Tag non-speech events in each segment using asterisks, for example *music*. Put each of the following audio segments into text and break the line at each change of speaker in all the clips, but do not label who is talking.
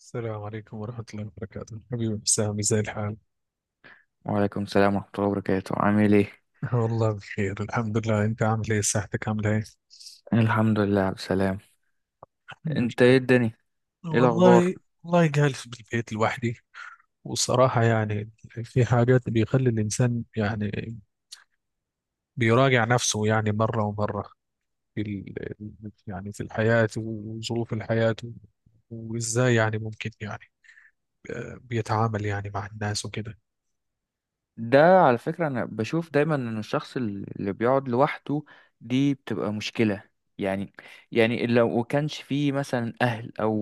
السلام عليكم ورحمة الله وبركاته، حبيبي حسامي، زي الحال؟
وعليكم السلام ورحمة الله وبركاته، عامل ايه؟
*laughs* والله بخير الحمد لله. أنت عامل إيه؟ صحتك عاملة إيه؟
الحمد لله بسلام.
الحمد
انت
لله.
ايه الدنيا؟ ايه الأخبار؟
والله والله، جالس بالبيت لوحدي. وصراحة يعني، في حاجات بيخلي الإنسان، يعني بيراجع نفسه، يعني مرة ومرة، في ال... يعني في الحياة وظروف الحياة، وإزاي يعني ممكن، يعني بيتعامل يعني مع الناس وكده.
ده على فكرة أنا بشوف دايما إن الشخص اللي بيقعد لوحده دي بتبقى مشكلة. يعني يعني لو كانش فيه مثلا أهل أو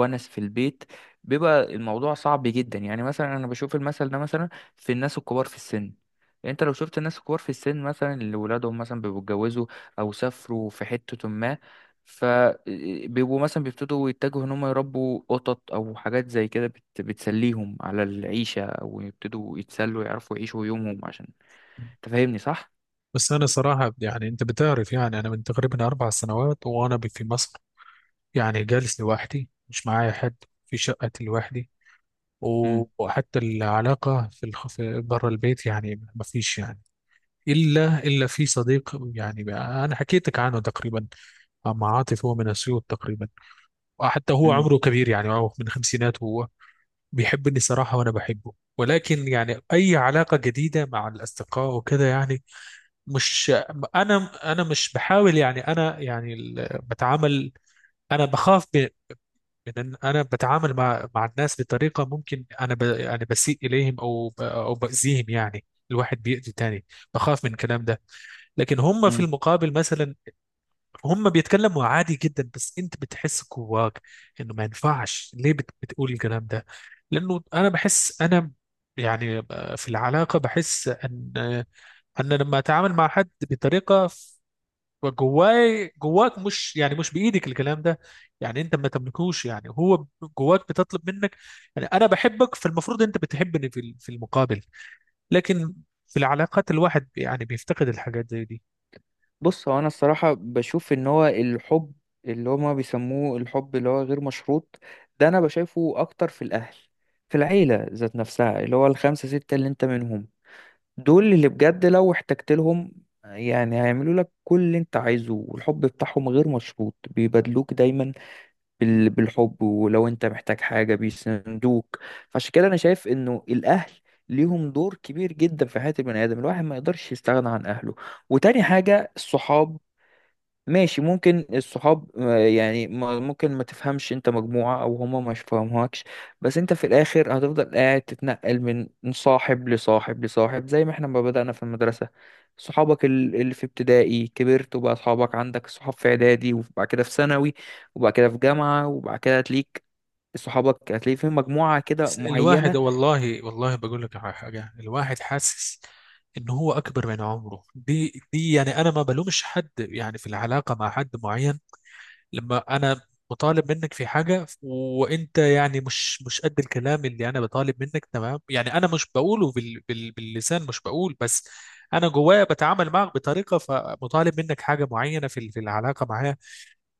ونس في البيت بيبقى الموضوع صعب جدا. يعني مثلا أنا بشوف المثل ده، مثلا في الناس الكبار في السن. انت لو شفت الناس الكبار في السن مثلا اللي ولادهم مثلا بيبقوا اتجوزوا او سافروا في حتة ما، فبيبقوا مثلا بيبتدوا يتجهوا ان هم يربوا قطط او حاجات زي كده بتسليهم على العيشة، او يبتدوا يتسلوا يعرفوا يعيشوا يومهم، عشان تفهمني صح؟
بس أنا صراحة، يعني أنت بتعرف، يعني أنا من تقريبا 4 سنوات وأنا في مصر، يعني جالس لوحدي، مش معايا حد، في شقتي لوحدي. و-
امم.
وحتى العلاقة في بره البيت، يعني ما فيش، يعني إلا في صديق، أنا حكيتك عنه تقريبا، مع عاطف، هو من أسيوط تقريبا، وحتى هو
امم.
عمره كبير، يعني هو من خمسينات. هو بيحبني صراحة وأنا بحبه، ولكن يعني أي علاقة جديدة مع الأصدقاء وكده، يعني مش أنا أنا مش بحاول، يعني أنا يعني بتعامل. أنا بخاف، لان انا بتعامل مع الناس بطريقه، ممكن انا بسيء اليهم، او باذيهم يعني، الواحد بيأذي تاني. بخاف من الكلام ده. لكن هم في
امم.
المقابل مثلا، هم بيتكلموا عادي جدا، بس انت بتحس جواك انه ما ينفعش ليه بتقول الكلام ده، لانه انا بحس انا، يعني، في العلاقه بحس ان لما اتعامل مع حد بطريقه، جواي جواك، مش، يعني مش بايدك الكلام ده، يعني انت ما تملكوش، يعني هو جواك بتطلب منك، يعني انا بحبك، فالمفروض انت بتحبني في المقابل، لكن في العلاقات الواحد يعني بيفتقد الحاجات زي دي.
بص هو انا الصراحة بشوف ان هو الحب، اللي هما بيسموه الحب اللي هو غير مشروط، ده انا بشايفه اكتر في الاهل، في العيلة ذات نفسها اللي هو الخمسة ستة اللي انت منهم. دول اللي بجد لو احتجت لهم يعني هيعملوا لك كل اللي انت عايزه، والحب بتاعهم غير مشروط بيبادلوك دايما بالحب، ولو انت محتاج حاجة بيسندوك. فعشان كده انا شايف انه الاهل ليهم دور كبير جدا في حياة البني آدم، الواحد ما يقدرش يستغنى عن أهله. وتاني حاجة الصحاب، ماشي ممكن الصحاب آه، يعني ممكن ما تفهمش انت مجموعة او هما ما يفهموكش. بس انت في الاخر هتفضل قاعد تتنقل من صاحب لصاحب لصاحب، زي ما احنا ما بدأنا في المدرسة. صحابك اللي في ابتدائي كبرت وبقى صحابك، عندك صحاب في اعدادي وبعد كده في ثانوي وبعد كده في جامعة، وبعد كده هتليك صحابك هتلاقي في مجموعة كده
الواحد،
معينة.
والله والله، بقول لك على حاجه. الواحد حاسس ان هو اكبر من عمره، دي، يعني انا ما بلومش حد، يعني في العلاقه مع حد معين، لما انا مطالب منك في حاجه، وانت يعني مش قد الكلام اللي انا بطالب منك، تمام، يعني انا مش بقوله باللسان، مش بقول بس، انا جوايا بتعامل معك بطريقه، فمطالب منك حاجه معينه في العلاقه معاه،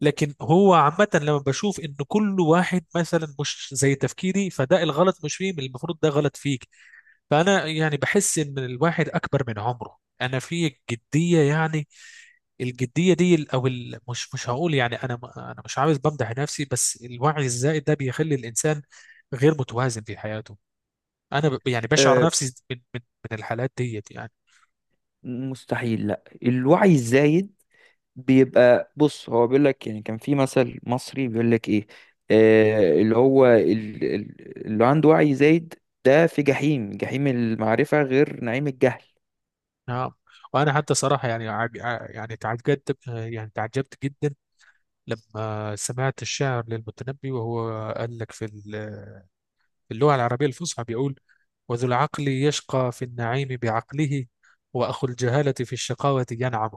لكن هو عامه، لما بشوف ان كل واحد مثلا مش زي تفكيري، فده الغلط مش فيه، المفروض ده غلط فيك، فانا يعني بحس ان الواحد اكبر من عمره، انا في جديه، يعني الجديه دي، مش هقول، يعني انا مش عاوز بمدح نفسي، بس الوعي الزائد ده بيخلي الانسان غير متوازن في حياته، يعني بشعر
آه،
نفسي من الحالات ديت، يعني.
مستحيل. لا، الوعي الزايد بيبقى، بص هو بيقول لك، يعني كان في مثل مصري بيقول لك ايه؟ آه، اللي هو اللي عنده وعي زايد ده في جحيم، جحيم المعرفة غير نعيم الجهل.
نعم. وانا حتى صراحه، يعني يعني تعجبت، يعني تعجبت جدا لما سمعت الشعر للمتنبي، وهو قال لك، في اللغه العربيه الفصحى، بيقول: وذو العقل يشقى في النعيم بعقله، واخو الجهاله في الشقاوه ينعم.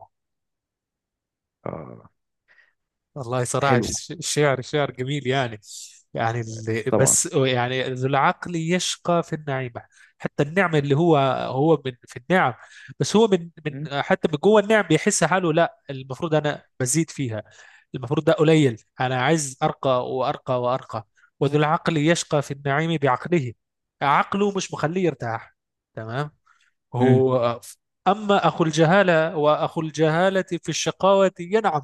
آه.
والله صراحة،
حلو.
الشعر شعر جميل، يعني،
طبعا.
بس يعني، ذو العقل يشقى في النعيمة، حتى النعمة اللي هو من في النعم، بس هو من
مم.
حتى من جوه النعم، بيحس حاله: لا، المفروض أنا بزيد فيها، المفروض ده قليل، أنا عايز أرقى وأرقى وأرقى. وذو العقل يشقى في النعيم بعقله، عقله مش مخليه يرتاح، تمام.
مم.
هو، أما أخو الجهالة، وأخو الجهالة في الشقاوة ينعم،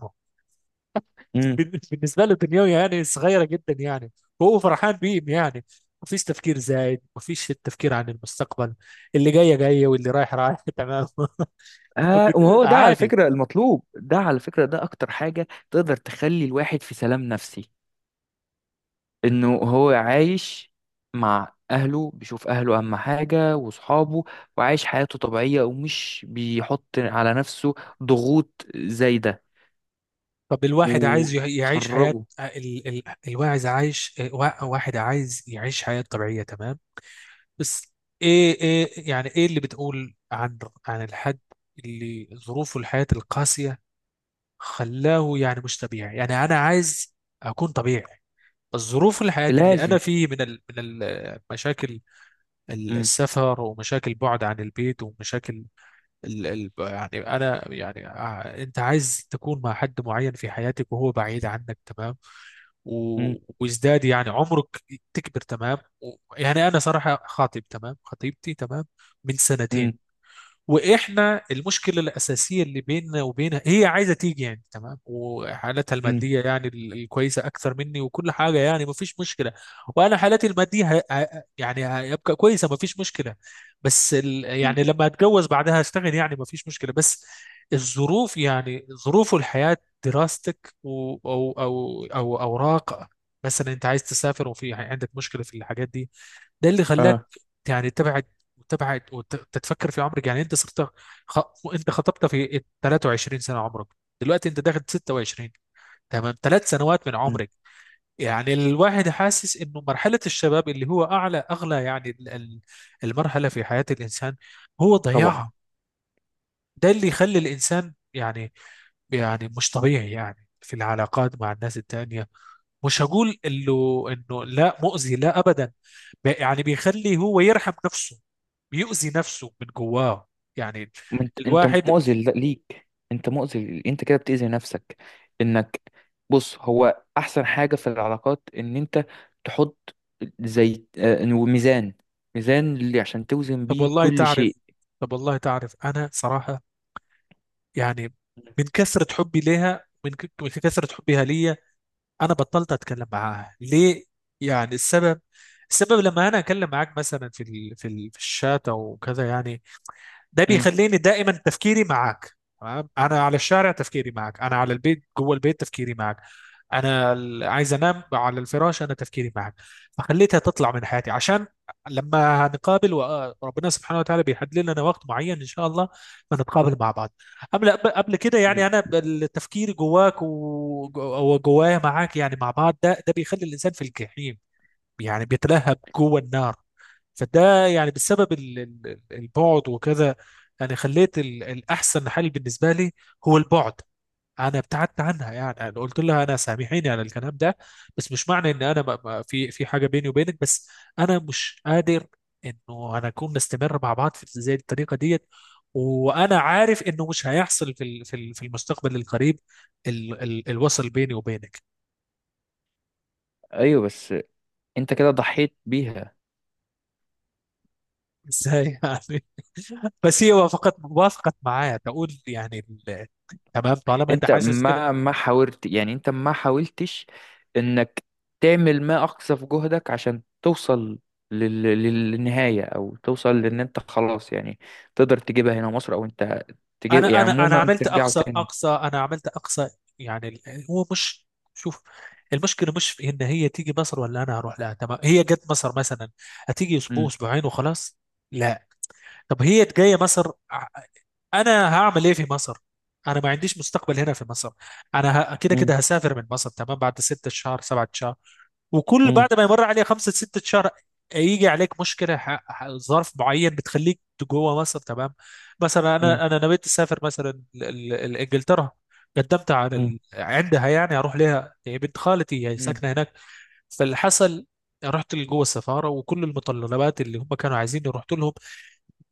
مم.
بالنسبه له دنيوي، يعني صغيره جدا، يعني وهو فرحان بيهم، يعني مفيش تفكير زايد، مفيش التفكير عن المستقبل، اللي جايه جايه واللي رايح رايح. *laughs* تمام.
آه وهو ده على
عادي.
فكرة المطلوب، ده على فكرة ده أكتر حاجة تقدر تخلي الواحد في سلام نفسي، انه هو عايش مع اهله، بيشوف اهله اهم حاجة وصحابه، وعايش حياته طبيعية ومش بيحط على نفسه ضغوط زايدة،
طب الواحد عايز يعيش حياه
وخرجه.
ال... ال... الواعز عايش وا- واحد عايز يعيش حياه طبيعيه، تمام. بس ايه، يعني ايه اللي بتقول عن الحد اللي ظروفه الحياه القاسيه خلاه يعني مش طبيعي، يعني انا عايز اكون طبيعي. الظروف الحياة اللي
لازم.
أنا فيه، من المشاكل،
امم.
السفر، ومشاكل بعد عن البيت، ومشاكل، ال ال يعني أنا يعني أنت عايز تكون مع حد معين في حياتك، وهو بعيد عنك، تمام،
امم.
و- وازداد يعني عمرك، تكبر، تمام. يعني أنا صراحة خاطب، تمام، خطيبتي، تمام، من سنتين.
امم.
واحنا المشكله الاساسيه اللي بيننا وبينها، هي عايزه تيجي يعني، تمام، وحالتها الماديه يعني الكويسه اكثر مني، وكل حاجه يعني ما فيش مشكله، وانا حالتي الماديه يعني هيبقى كويسه، ما فيش مشكله، بس
امم.
يعني لما اتجوز بعدها اشتغل يعني ما فيش مشكله، بس الظروف، يعني ظروف الحياه، دراستك او اوراق، مثلا انت عايز تسافر وفي عندك مشكله في الحاجات دي، ده اللي خلاك
اه.
يعني تتبع وتبعد، وتتفكر في عمرك، يعني انت صرت خ... انت خطبت في 23 سنه عمرك، دلوقتي انت داخل 26، تمام، 3 سنوات من
مم.
عمرك، يعني الواحد حاسس انه مرحله الشباب اللي هو اغلى يعني المرحله في حياه الانسان هو
طبعا.
ضياعها، ده اللي يخلي الانسان يعني مش طبيعي يعني في العلاقات مع الناس التانية، مش هقول انه لا، مؤذي، لا ابدا، يعني بيخلي هو يرحم نفسه، بيؤذي نفسه من جواه، يعني
ما انت
الواحد.
مؤذي ليك، انت مؤذي انت كده بتأذي نفسك، انك، بص هو احسن حاجة في العلاقات ان انت تحط زي آه، ميزان، ميزان اللي عشان توزن
طب
بيه
والله
كل
تعرف
شيء.
طب والله تعرف، انا صراحة، يعني، من كثرة حبي ليها، من كثرة حبها ليا، انا بطلت اتكلم معاها. ليه؟ يعني السبب لما انا اتكلم معاك مثلا في الشات او كذا، يعني، ده
مم.
بيخليني دائما تفكيري معاك. تمام. انا على الشارع تفكيري معك، انا على البيت جوه البيت تفكيري معك، انا عايز انام على الفراش، انا تفكيري معك، فخليتها تطلع من حياتي عشان لما هنقابل، وربنا سبحانه وتعالى بيحدد لنا وقت معين ان شاء الله، فنتقابل مع بعض. قبل كده يعني، انا التفكير جواك وجوايا معاك، يعني مع بعض، ده بيخلي الانسان في الجحيم، يعني بيتلهب جوه النار. فده يعني بسبب البعد وكذا، يعني خليت الأحسن حل بالنسبة لي هو البعد. أنا ابتعدت عنها، يعني أنا قلت لها: أنا سامحيني على الكلام ده، بس مش معنى إن أنا في حاجة بيني وبينك، بس أنا مش قادر إنه أنا أكون نستمر مع بعض في زي الطريقة ديت، وأنا عارف إنه مش هيحصل في المستقبل القريب، الوصل بيني وبينك.
ايوه بس انت كده ضحيت بيها.
ازاي يعني؟ *laughs* بس هي وافقت معايا، تقول يعني: ال- تمام، طالما انت
انت
حاسس كده.
ما حاولت، يعني انت ما حاولتش انك تعمل ما اقصى في جهدك عشان توصل للنهاية، او توصل لان انت خلاص يعني تقدر تجيبها هنا مصر، او انت تجيب يعني
انا انا انا
عموما
عملت
ترجعوا
اقصى
تاني.
اقصى انا عملت اقصى. يعني هو مش. شوف، المشكله مش في ان هي تيجي مصر، ولا انا اروح لها، تمام. هي جت مصر مثلا، هتيجي اسبوع،
مم.
اسبوعين، وخلاص. لا. طب هي جايه مصر، انا هعمل ايه في مصر؟ انا ما عنديش مستقبل هنا في مصر، انا كده
مم.
كده هسافر من مصر، تمام بعد 6 شهر، 7 شهر، وكل
مم.
بعد ما يمر عليه خمسة ستة شهر، يجي عليك مشكلة، ظرف معين بتخليك جوه مصر، تمام. مثلا
مم.
أنا نويت أسافر مثلا لإنجلترا، قدمت على
مم.
عندها يعني، أروح لها، هي بنت خالتي، هي
مم.
ساكنة هناك، فاللي حصل، رحت لجوه السفارة، وكل المتطلبات اللي هم كانوا عايزيني رحت لهم،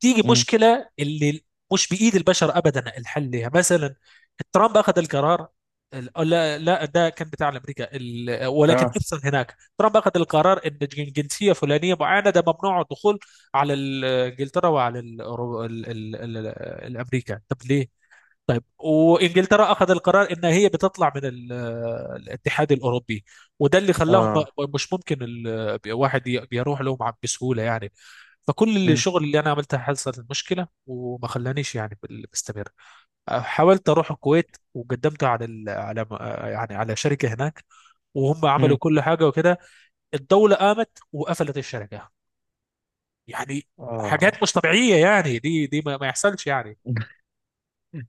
تيجي
مم.
مشكله اللي مش بايد البشر ابدا الحل لها، مثلا ترامب اخذ القرار، لا، لا، ده كان بتاع امريكا، ولكن
اه.
ابسط هناك، ترامب اخذ القرار ان جنسيه فلانيه معينه ده ممنوع الدخول على انجلترا، وعلى ال ال ال ال الامريكا. طب ليه؟ وانجلترا اخذ القرار ان هي بتطلع من الاتحاد الاوروبي، وده اللي خلاهم
اه.
مش ممكن واحد بيروح لهم بسهوله، يعني. فكل اللي
مم.
الشغل اللي انا عملتها، حصلت مشكله وما خلانيش يعني بستمر. حاولت اروح الكويت، وقدمت على يعني على شركه هناك، وهم عملوا
مم.
كل حاجه وكده، الدوله قامت وقفلت الشركه، يعني
اه.
حاجات مش طبيعيه، يعني دي ما يحصلش، يعني.
*laughs*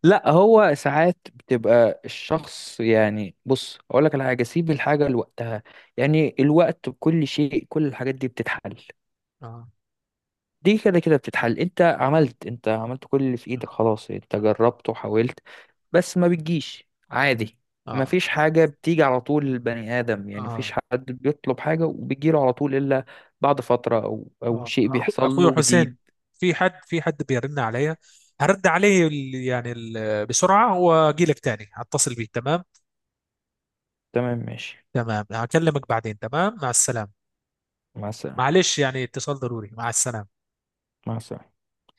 لا، هو ساعات بتبقى الشخص، يعني بص اقول لك على حاجه، سيب الحاجه لوقتها، يعني الوقت بكل شيء كل الحاجات دي بتتحل.
اه،
دي كده كده بتتحل، انت عملت كل اللي في
اه،
ايدك، خلاص انت
اه،
جربت وحاولت، بس ما بتجيش عادي. ما
اه،
فيش حاجه بتيجي على طول للبني ادم، يعني مفيش
آه.
حد بيطلب حاجه وبيجيله على طول، الا بعد فتره او
آه.
شيء بيحصل
اخوي
له جديد.
حسين، في حد بيرن عليا، هرد عليه يعني بسرعه، واجي لك تاني، هتصل بيه، تمام.
تمام ماشي.
تمام، هكلمك بعدين، تمام، مع السلامة.
مع السلامه.
معلش، يعني اتصال ضروري، مع السلامة.
مع السلامه.